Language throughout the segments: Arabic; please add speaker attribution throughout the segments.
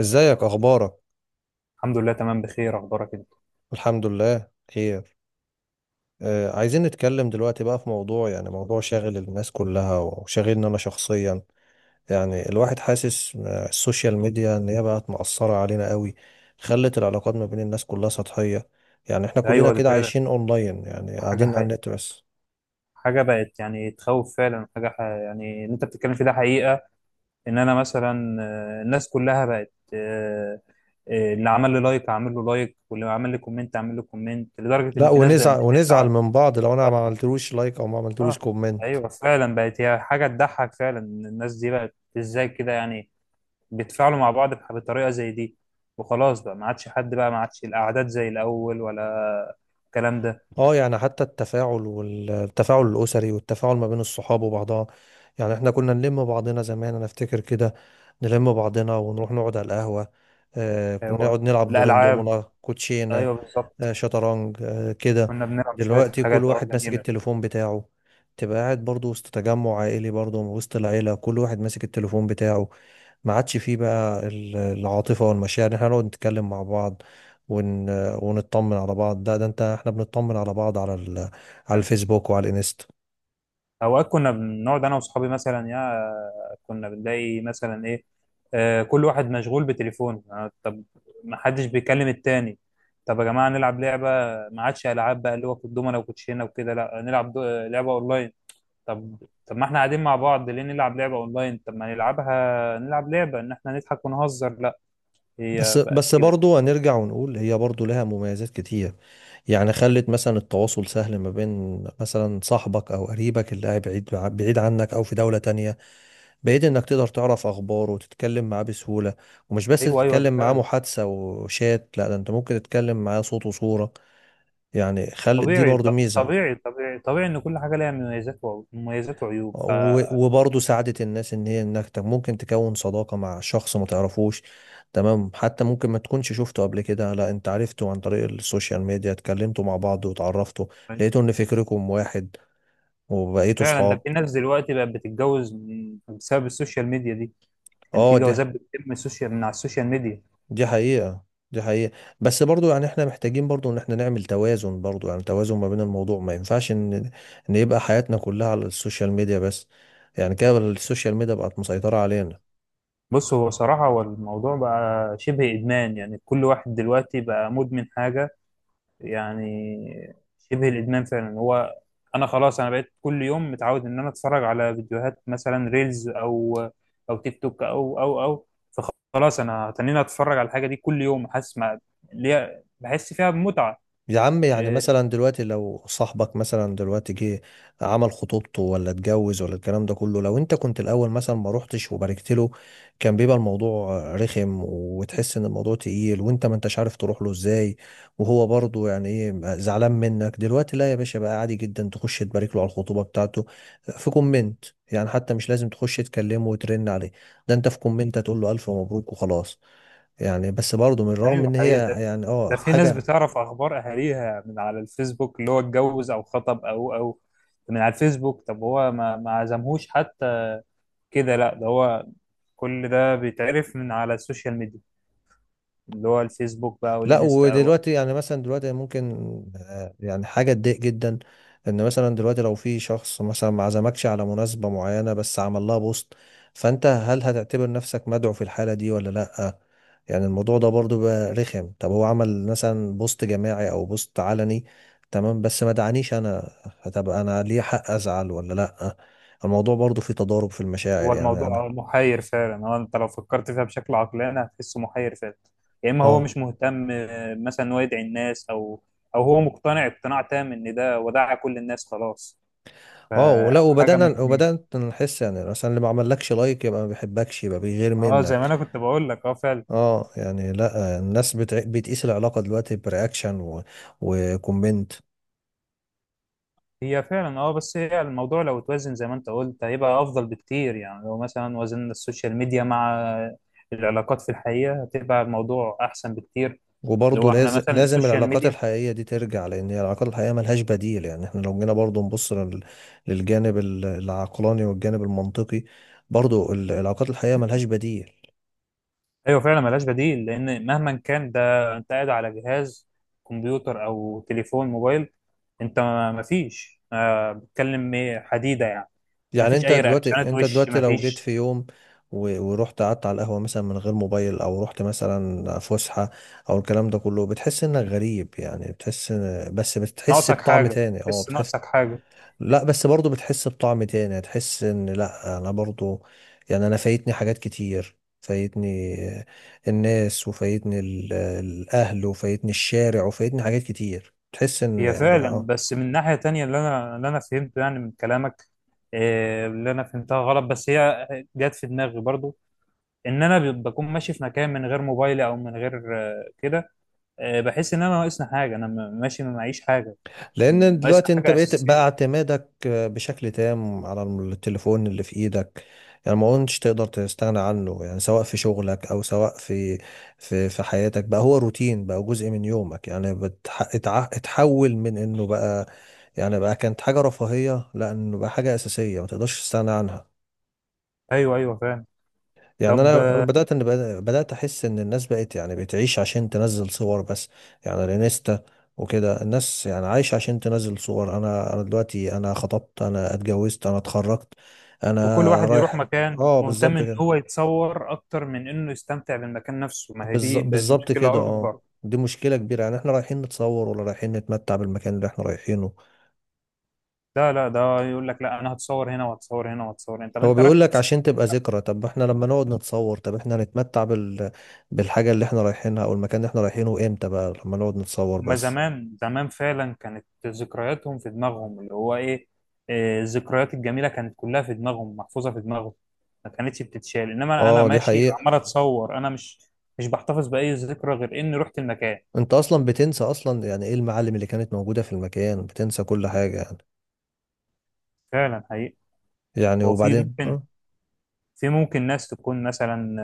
Speaker 1: ازيك اخبارك.
Speaker 2: الحمد لله تمام بخير، اخبارك انت؟
Speaker 1: الحمد لله خير. عايزين نتكلم دلوقتي بقى في موضوع، يعني موضوع شاغل الناس كلها وشاغلني انا شخصيا. يعني الواحد حاسس السوشيال ميديا ان هي بقت مأثرة علينا قوي، خلت العلاقات ما بين الناس كلها سطحية. يعني احنا كلنا
Speaker 2: ايوه دي
Speaker 1: كده
Speaker 2: فعلا
Speaker 1: عايشين اونلاين، يعني
Speaker 2: حاجه
Speaker 1: قاعدين على
Speaker 2: حقيقة.
Speaker 1: النت بس.
Speaker 2: حاجه بقت يعني تخوف فعلا. يعني اللي انت بتتكلم فيه ده حقيقه. ان انا مثلا، الناس كلها بقت، اللي عمل لي لايك اعمل له لايك، واللي عمل لي كومنت اعمل له كومنت، لدرجه ان
Speaker 1: لا،
Speaker 2: في ناس بقت
Speaker 1: ونزعل ونزعل
Speaker 2: بتزعل.
Speaker 1: من بعض لو انا ما
Speaker 2: اه.
Speaker 1: عملتلوش لايك او ما عملتلوش
Speaker 2: آه.
Speaker 1: كومنت.
Speaker 2: ايوه فعلا، بقت هي حاجه تضحك فعلا إن الناس دي بقت ازاي كده. يعني بيتفاعلوا مع بعض بطريقه زي دي، وخلاص بقى ما عادش حد، بقى ما عادش الاعداد زي الاول ولا الكلام ده.
Speaker 1: اه يعني حتى التفاعل، والتفاعل الأسري والتفاعل ما بين الصحاب وبعضها. يعني احنا كنا نلم بعضنا زمان، انا افتكر كده، نلم بعضنا ونروح نقعد على القهوة. آه كنا
Speaker 2: هو
Speaker 1: نقعد نلعب دورين
Speaker 2: الالعاب؟
Speaker 1: دومنا كوتشينة،
Speaker 2: ايوه بالظبط.
Speaker 1: آه شطرنج، آه كده.
Speaker 2: كنا بنلعب شويه
Speaker 1: دلوقتي كل
Speaker 2: حاجات
Speaker 1: واحد ماسك
Speaker 2: جميله.
Speaker 1: التليفون بتاعه، تبقى قاعد برضو وسط تجمع عائلي، برضو وسط العيلة كل واحد ماسك التليفون بتاعه. ما عادش فيه بقى العاطفة والمشاعر، احنا نقعد نتكلم مع بعض ون... ونطمن على بعض. ده ده انت، احنا بنطمن على بعض على على الفيسبوك وعلى الانستا.
Speaker 2: اوقات كنا بنقعد انا واصحابي مثلا، كنا بنلاقي مثلا ايه، كل واحد مشغول بتليفونه، طب ما حدش بيكلم التاني. طب يا جماعه نلعب لعبه. ما عادش العاب بقى اللي هو الدومنه وكوتشينه وكده، لا نلعب دو... آه، لعبه اونلاين. طب طب ما احنا قاعدين مع بعض ليه نلعب لعبه اونلاين؟ طب ما نلعبها، نلعب لعبه ان احنا نضحك ونهزر. لا،
Speaker 1: بس
Speaker 2: هي بقت
Speaker 1: بس
Speaker 2: كده.
Speaker 1: برضو هنرجع ونقول هي برضو لها مميزات كتير. يعني خلت مثلا التواصل سهل ما بين مثلا صاحبك او قريبك اللي قاعد بعيد، بعيد عنك او في دولة تانية بعيد، انك تقدر تعرف اخباره وتتكلم معاه بسهولة. ومش بس
Speaker 2: ايوه ايوه، ده
Speaker 1: تتكلم معاه
Speaker 2: فعلا.
Speaker 1: محادثة وشات، لا ده انت ممكن تتكلم معاه صوت وصورة، يعني خلت دي
Speaker 2: طبيعي،
Speaker 1: برضو
Speaker 2: ط-
Speaker 1: ميزة.
Speaker 2: طبيعي طبيعي طبيعي ان كل حاجه ليها مميزات وعيوب. ف
Speaker 1: وبرضه ساعدت الناس ان هي انك ممكن تكون صداقة مع شخص ما تعرفوش، تمام، حتى ممكن ما تكونش شفته قبل كده، لا انت عرفته عن طريق السوشيال ميديا، اتكلمتوا مع بعض وتعرفتوا، لقيتوا ان فكركم واحد وبقيتوا
Speaker 2: فعلا، ده
Speaker 1: صحاب.
Speaker 2: في ناس دلوقتي بقت بتتجوز بسبب السوشيال ميديا دي، يعني في
Speaker 1: اه دي،
Speaker 2: جوازات بتتم من على السوشيال ميديا.
Speaker 1: دي حقيقة، دي حقيقة. بس برضو يعني احنا محتاجين برضو ان احنا نعمل توازن برضو، يعني توازن ما بين الموضوع، ما ينفعش ان ان يبقى حياتنا كلها على السوشيال ميديا بس، يعني كده السوشيال ميديا بقت مسيطرة علينا.
Speaker 2: بص، هو صراحه هو الموضوع بقى شبه ادمان. يعني كل واحد دلوقتي بقى مدمن حاجه، يعني شبه الادمان فعلا. هو انا خلاص، انا بقيت كل يوم متعود ان انا اتفرج على فيديوهات، مثلا ريلز او او تيك توك او فخلاص انا هتنيني اتفرج على الحاجه دي كل يوم، حاسس ما ليا، بحس فيها بمتعه.
Speaker 1: يا عم يعني
Speaker 2: إيه،
Speaker 1: مثلا دلوقتي لو صاحبك مثلا دلوقتي جه عمل خطوبته ولا اتجوز ولا الكلام ده كله، لو انت كنت الاول مثلا ما روحتش وباركت له، كان بيبقى الموضوع رخم وتحس ان الموضوع تقيل وانت ما انتش عارف تروح له ازاي، وهو برضه يعني ايه زعلان منك. دلوقتي لا يا باشا بقى عادي جدا تخش تبارك له على الخطوبة بتاعته في كومنت، يعني حتى مش لازم تخش تكلمه وترن عليه، ده انت في كومنت هتقول له الف مبروك وخلاص. يعني بس برضه من رغم
Speaker 2: ايوه
Speaker 1: ان هي
Speaker 2: حقيقه. ده
Speaker 1: يعني اه
Speaker 2: ده في ناس
Speaker 1: حاجة.
Speaker 2: بتعرف اخبار اهاليها من على الفيسبوك، اللي هو اتجوز او خطب او من على الفيسبوك. طب هو ما عزمهوش حتى كده؟ لا، ده هو كل ده بيتعرف من على السوشيال ميديا، اللي هو الفيسبوك بقى
Speaker 1: لا
Speaker 2: والانستا. هو
Speaker 1: ودلوقتي يعني مثلا دلوقتي ممكن يعني حاجة تضايق جدا، ان مثلا دلوقتي لو في شخص مثلا ما عزمكش على مناسبة معينة بس عمل لها بوست، فانت هل هتعتبر نفسك مدعو في الحالة دي ولا لا؟ يعني الموضوع ده برضو بقى رخم. طب هو عمل مثلا بوست جماعي او بوست علني، تمام، بس ما دعانيش انا، هتبقى انا ليه حق ازعل ولا لا؟ الموضوع برضو فيه تضارب في المشاعر
Speaker 2: هو
Speaker 1: يعني انا.
Speaker 2: الموضوع محير فعلا. هو انت لو فكرت فيها بشكل عقلاني هتحسه محير فعلا. يا اما هو
Speaker 1: اه.
Speaker 2: مش مهتم مثلا إن هو يدعي الناس، او هو مقتنع اقتناع تام ان ده وداع كل الناس خلاص.
Speaker 1: اه، ولا
Speaker 2: فحاجه من
Speaker 1: وبدأنا
Speaker 2: الاثنين.
Speaker 1: وبدأت نحس يعني مثلا اللي ما عملكش لايك يبقى ما بيحبكش يبقى بيغير
Speaker 2: اه زي ما
Speaker 1: منك.
Speaker 2: انا كنت بقول لك، اه فعلا.
Speaker 1: اه يعني لا، الناس بتقيس العلاقة دلوقتي برياكشن وكومنت.
Speaker 2: هي فعلا اه، بس هي الموضوع لو اتوزن زي ما انت قلت هيبقى افضل بكتير. يعني لو مثلا وزننا السوشيال ميديا مع العلاقات في الحقيقه، هتبقى الموضوع احسن بكتير. اللي
Speaker 1: وبرضه
Speaker 2: هو احنا
Speaker 1: لازم،
Speaker 2: مثلا
Speaker 1: لازم
Speaker 2: السوشيال
Speaker 1: العلاقات
Speaker 2: ميديا.
Speaker 1: الحقيقية دي ترجع، لأن هي العلاقات الحقيقية ملهاش بديل. يعني احنا لو جينا برضه نبص للجانب العقلاني والجانب المنطقي، برضه العلاقات الحقيقية ملهاش بديل.
Speaker 2: ايوه فعلا، ملهاش بديل. لان مهما كان، ده انت قاعد على جهاز كمبيوتر او تليفون موبايل. انت ما فيش، بتكلم إيه، حديده يعني. ما
Speaker 1: يعني
Speaker 2: فيش
Speaker 1: انت
Speaker 2: اي
Speaker 1: دلوقتي،
Speaker 2: رياكشنات،
Speaker 1: انت
Speaker 2: وش
Speaker 1: دلوقتي
Speaker 2: ما
Speaker 1: لو جيت
Speaker 2: فيش.
Speaker 1: في يوم ورحت قعدت على القهوة مثلا من غير موبايل، او رحت مثلا فسحة او الكلام ده كله، بتحس انك غريب، يعني بتحس بس بتحس
Speaker 2: ناقصك
Speaker 1: بطعم
Speaker 2: حاجه،
Speaker 1: تاني، اه
Speaker 2: بس
Speaker 1: بتحس.
Speaker 2: ناقصك حاجه.
Speaker 1: لا بس برضو بتحس بطعم تاني، هتحس ان لا انا برضو يعني انا فايتني حاجات كتير، فايتني الناس وفايتني الاهل وفايتني الشارع وفايتني حاجات كتير، تحس ان
Speaker 2: هي
Speaker 1: يعني لا
Speaker 2: فعلا،
Speaker 1: آه.
Speaker 2: بس من ناحيه تانية، اللي انا فهمته يعني من كلامك، اللي انا فهمتها غلط بس هي جت في دماغي برضو. ان انا بكون ماشي في مكان من غير موبايلي او من غير كده، بحس ان انا ناقصني حاجه، انا ماشي ما معيش حاجه.
Speaker 1: لان
Speaker 2: ناقص
Speaker 1: دلوقتي انت
Speaker 2: حاجة
Speaker 1: بقيت بقى
Speaker 2: أساسية.
Speaker 1: اعتمادك بشكل تام على التليفون اللي في ايدك، يعني ما كنتش تقدر تستغنى عنه، يعني سواء في شغلك او سواء في في حياتك، بقى هو روتين، بقى جزء من يومك، يعني اتحول من انه بقى، يعني بقى كانت حاجة رفاهية، لا انه بقى حاجة اساسية ما تقدرش تستغنى عنها.
Speaker 2: أيوه أيوه فاهم.
Speaker 1: يعني
Speaker 2: طب
Speaker 1: انا، انا
Speaker 2: آه،
Speaker 1: بدات ان بدات احس ان الناس بقت يعني بتعيش عشان تنزل صور بس، يعني الانستا وكده الناس يعني عايشه عشان تنزل صور. انا، انا دلوقتي، انا خطبت، انا اتجوزت، انا اتخرجت، انا
Speaker 2: وكل واحد يروح
Speaker 1: رايح.
Speaker 2: مكان
Speaker 1: اه
Speaker 2: مهتم
Speaker 1: بالظبط
Speaker 2: إن هو
Speaker 1: كده،
Speaker 2: يتصور أكتر من إنه يستمتع بالمكان نفسه. ما هي دي بقت
Speaker 1: بالظبط كده
Speaker 2: مشكلة
Speaker 1: اه.
Speaker 2: أكبر.
Speaker 1: دي مشكله كبيره، يعني احنا رايحين نتصور ولا رايحين نتمتع بالمكان اللي احنا رايحينه؟
Speaker 2: لا لا، ده يقول لك لا، أنا هتصور هنا وهتصور هنا وهتصور هنا. طب
Speaker 1: هو
Speaker 2: أنت رايح
Speaker 1: بيقول لك
Speaker 2: تتصور؟
Speaker 1: عشان تبقى ذكرى، طب احنا لما نقعد نتصور، طب احنا هنتمتع بالحاجه اللي احنا رايحينها او المكان اللي احنا رايحينه امتى بقى لما نقعد نتصور
Speaker 2: ما
Speaker 1: بس؟
Speaker 2: زمان زمان فعلا كانت ذكرياتهم في دماغهم، اللي هو إيه، الذكريات الجميلة كانت كلها في دماغهم محفوظة في دماغهم، ما كانتش بتتشال، إنما أنا
Speaker 1: اه دي
Speaker 2: ماشي
Speaker 1: حقيقة.
Speaker 2: عمال أتصور. أنا مش بحتفظ بأي ذكرى غير إني رحت المكان.
Speaker 1: انت اصلا بتنسى اصلا يعني ايه المعالم اللي كانت موجودة في المكان، بتنسى كل حاجة يعني.
Speaker 2: فعلا حقيقي.
Speaker 1: يعني
Speaker 2: هو في
Speaker 1: وبعدين
Speaker 2: ممكن
Speaker 1: اه،
Speaker 2: في ممكن ناس تكون مثلا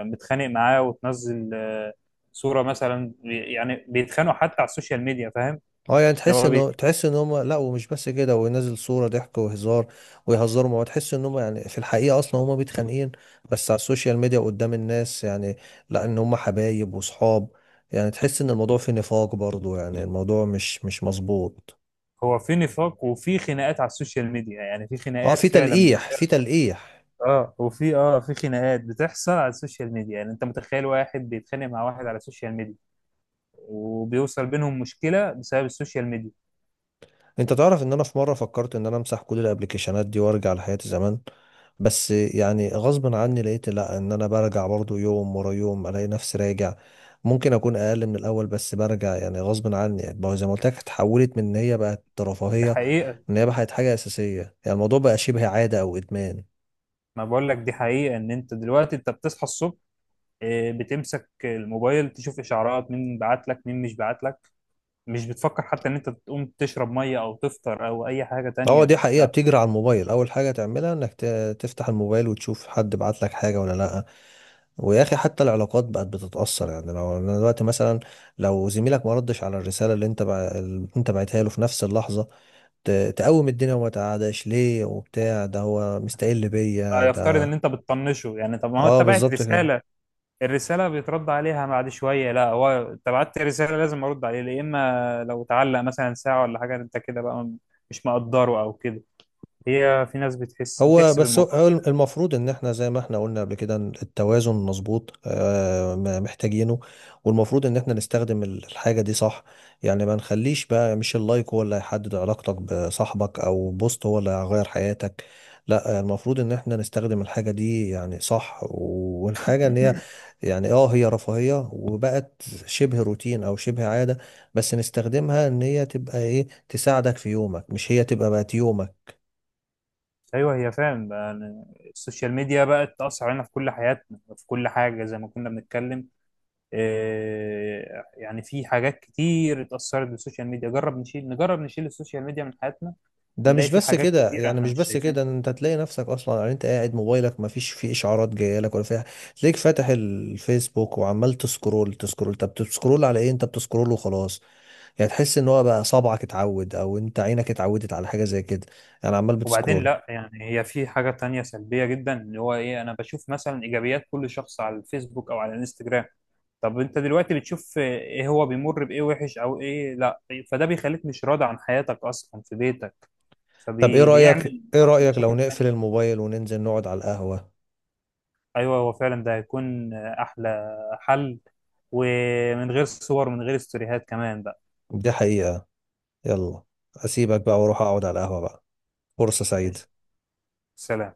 Speaker 2: متخانق معاه وتنزل صورة مثلا، يعني بيتخانقوا حتى على السوشيال ميديا، فاهم.
Speaker 1: اه يعني
Speaker 2: اللي
Speaker 1: تحس
Speaker 2: هو بي-
Speaker 1: انه، تحس ان هم لا، ومش بس كده وينزل صورة ضحك وهزار ويهزروا، ما تحس ان هم يعني في الحقيقة اصلا هم متخانقين، بس على السوشيال ميديا قدام الناس يعني لا ان هم حبايب وصحاب. يعني تحس ان الموضوع في نفاق برضو، يعني الموضوع مش، مش مظبوط.
Speaker 2: هو في نفاق وفي خناقات على السوشيال ميديا، يعني في
Speaker 1: اه
Speaker 2: خناقات
Speaker 1: في
Speaker 2: فعلا
Speaker 1: تلقيح، في تلقيح.
Speaker 2: اه، وفي اه في خناقات بتحصل على السوشيال ميديا. يعني انت متخيل واحد بيتخانق مع واحد على السوشيال ميديا، وبيوصل بينهم مشكلة بسبب السوشيال ميديا؟
Speaker 1: انت تعرف ان انا في مره فكرت ان انا امسح كل الابلكيشنات دي وارجع لحياتي زمان، بس يعني غصب عني لقيت لا ان انا برجع برضو، يوم ورا يوم الاقي نفسي راجع. ممكن اكون اقل من الاول، بس برجع يعني غصب عني، يعني بقى زي ما قلت لك اتحولت من ان هي بقت
Speaker 2: دي
Speaker 1: رفاهيه،
Speaker 2: حقيقة.
Speaker 1: ان هي بقت حاجه اساسيه، يعني الموضوع بقى شبه عاده او ادمان.
Speaker 2: ما بقول لك دي حقيقة. ان انت دلوقتي، انت بتصحى الصبح إيه، بتمسك الموبايل تشوف اشعارات مين بعت لك مين مش بعت لك. مش بتفكر حتى ان انت تقوم تشرب ميه او تفطر او اي حاجه
Speaker 1: اه دي
Speaker 2: تانية.
Speaker 1: حقيقة،
Speaker 2: لا،
Speaker 1: بتجري على الموبايل، أول حاجة تعملها إنك تفتح الموبايل وتشوف حد بعت لك حاجة ولا لأ. ويا أخي حتى العلاقات بقت بتتأثر، يعني لو أنا دلوقتي مثلا لو زميلك ما ردش على الرسالة اللي اللي أنت بعتها له في نفس اللحظة، تقوم الدنيا وما تقعدش ليه وبتاع، ده هو مستقل بيا
Speaker 2: لا، يفترض ان
Speaker 1: ده.
Speaker 2: انت بتطنشه يعني. طب ما هو
Speaker 1: اه
Speaker 2: انت بعت
Speaker 1: بالظبط كده.
Speaker 2: رساله، الرساله بيترد عليها بعد شويه. لا هو، انت بعت رساله لازم ارد عليه، يا اما لو تعلق مثلا ساعه ولا حاجه، انت كده بقى مش مقدره او كده. هي في ناس
Speaker 1: هو
Speaker 2: بتحسب
Speaker 1: بس هو،
Speaker 2: الموضوع.
Speaker 1: هو المفروض ان احنا زي ما احنا قلنا قبل كده، إن التوازن مظبوط ما محتاجينه، والمفروض ان احنا نستخدم الحاجة دي صح، يعني ما نخليش بقى مش اللايك هو اللي هيحدد علاقتك بصاحبك، او بوست هو اللي هيغير حياتك. لا المفروض ان احنا نستخدم الحاجة دي يعني صح، والحاجة ان هي، يعني اه هي رفاهية وبقت شبه روتين او شبه عادة، بس نستخدمها ان هي تبقى ايه، تساعدك في يومك، مش هي تبقى بقت يومك.
Speaker 2: ايوه، هي فعلا بقى يعني السوشيال ميديا بقت تاثر علينا في كل حياتنا، في كل حاجه، زي ما كنا بنتكلم. يعني في حاجات كتير اتأثرت بالسوشيال ميديا. جرب نشيل نجرب نشيل السوشيال ميديا من حياتنا،
Speaker 1: ده
Speaker 2: نلاقي
Speaker 1: مش
Speaker 2: في
Speaker 1: بس
Speaker 2: حاجات
Speaker 1: كده،
Speaker 2: كتير
Speaker 1: يعني
Speaker 2: احنا
Speaker 1: مش
Speaker 2: مش
Speaker 1: بس
Speaker 2: شايفينها.
Speaker 1: كده، انت تلاقي نفسك اصلا، يعني انت قاعد موبايلك ما فيش فيه اشعارات جايه لك ولا فيها، تلاقيك فاتح الفيسبوك وعمال تسكرول، تسكرول، طب بتسكرول على ايه؟ انت بتسكرول وخلاص، يعني تحس ان هو بقى صبعك اتعود او انت عينك اتعودت على حاجه زي كده، يعني عمال
Speaker 2: وبعدين
Speaker 1: بتسكرول.
Speaker 2: لا، يعني هي في حاجة تانية سلبية جدا، اللي هو ايه، انا بشوف مثلا ايجابيات كل شخص على الفيسبوك او على الانستجرام. طب انت دلوقتي بتشوف ايه، هو بيمر بايه وحش او ايه؟ لا. فده بيخليك مش راضي عن حياتك اصلا في بيتك،
Speaker 1: طب ايه رايك،
Speaker 2: فبيعمل
Speaker 1: ايه
Speaker 2: نوع من
Speaker 1: رايك لو
Speaker 2: مشاكل
Speaker 1: نقفل
Speaker 2: تانية.
Speaker 1: الموبايل وننزل نقعد على القهوه؟
Speaker 2: ايوه هو فعلا، ده هيكون احلى حل. ومن غير صور، من غير استوريهات كمان بقى.
Speaker 1: دي حقيقه. يلا، اسيبك بقى
Speaker 2: يلا.
Speaker 1: واروح اقعد على القهوه بقى. فرصه
Speaker 2: ماشي،
Speaker 1: سعيده.
Speaker 2: سلام.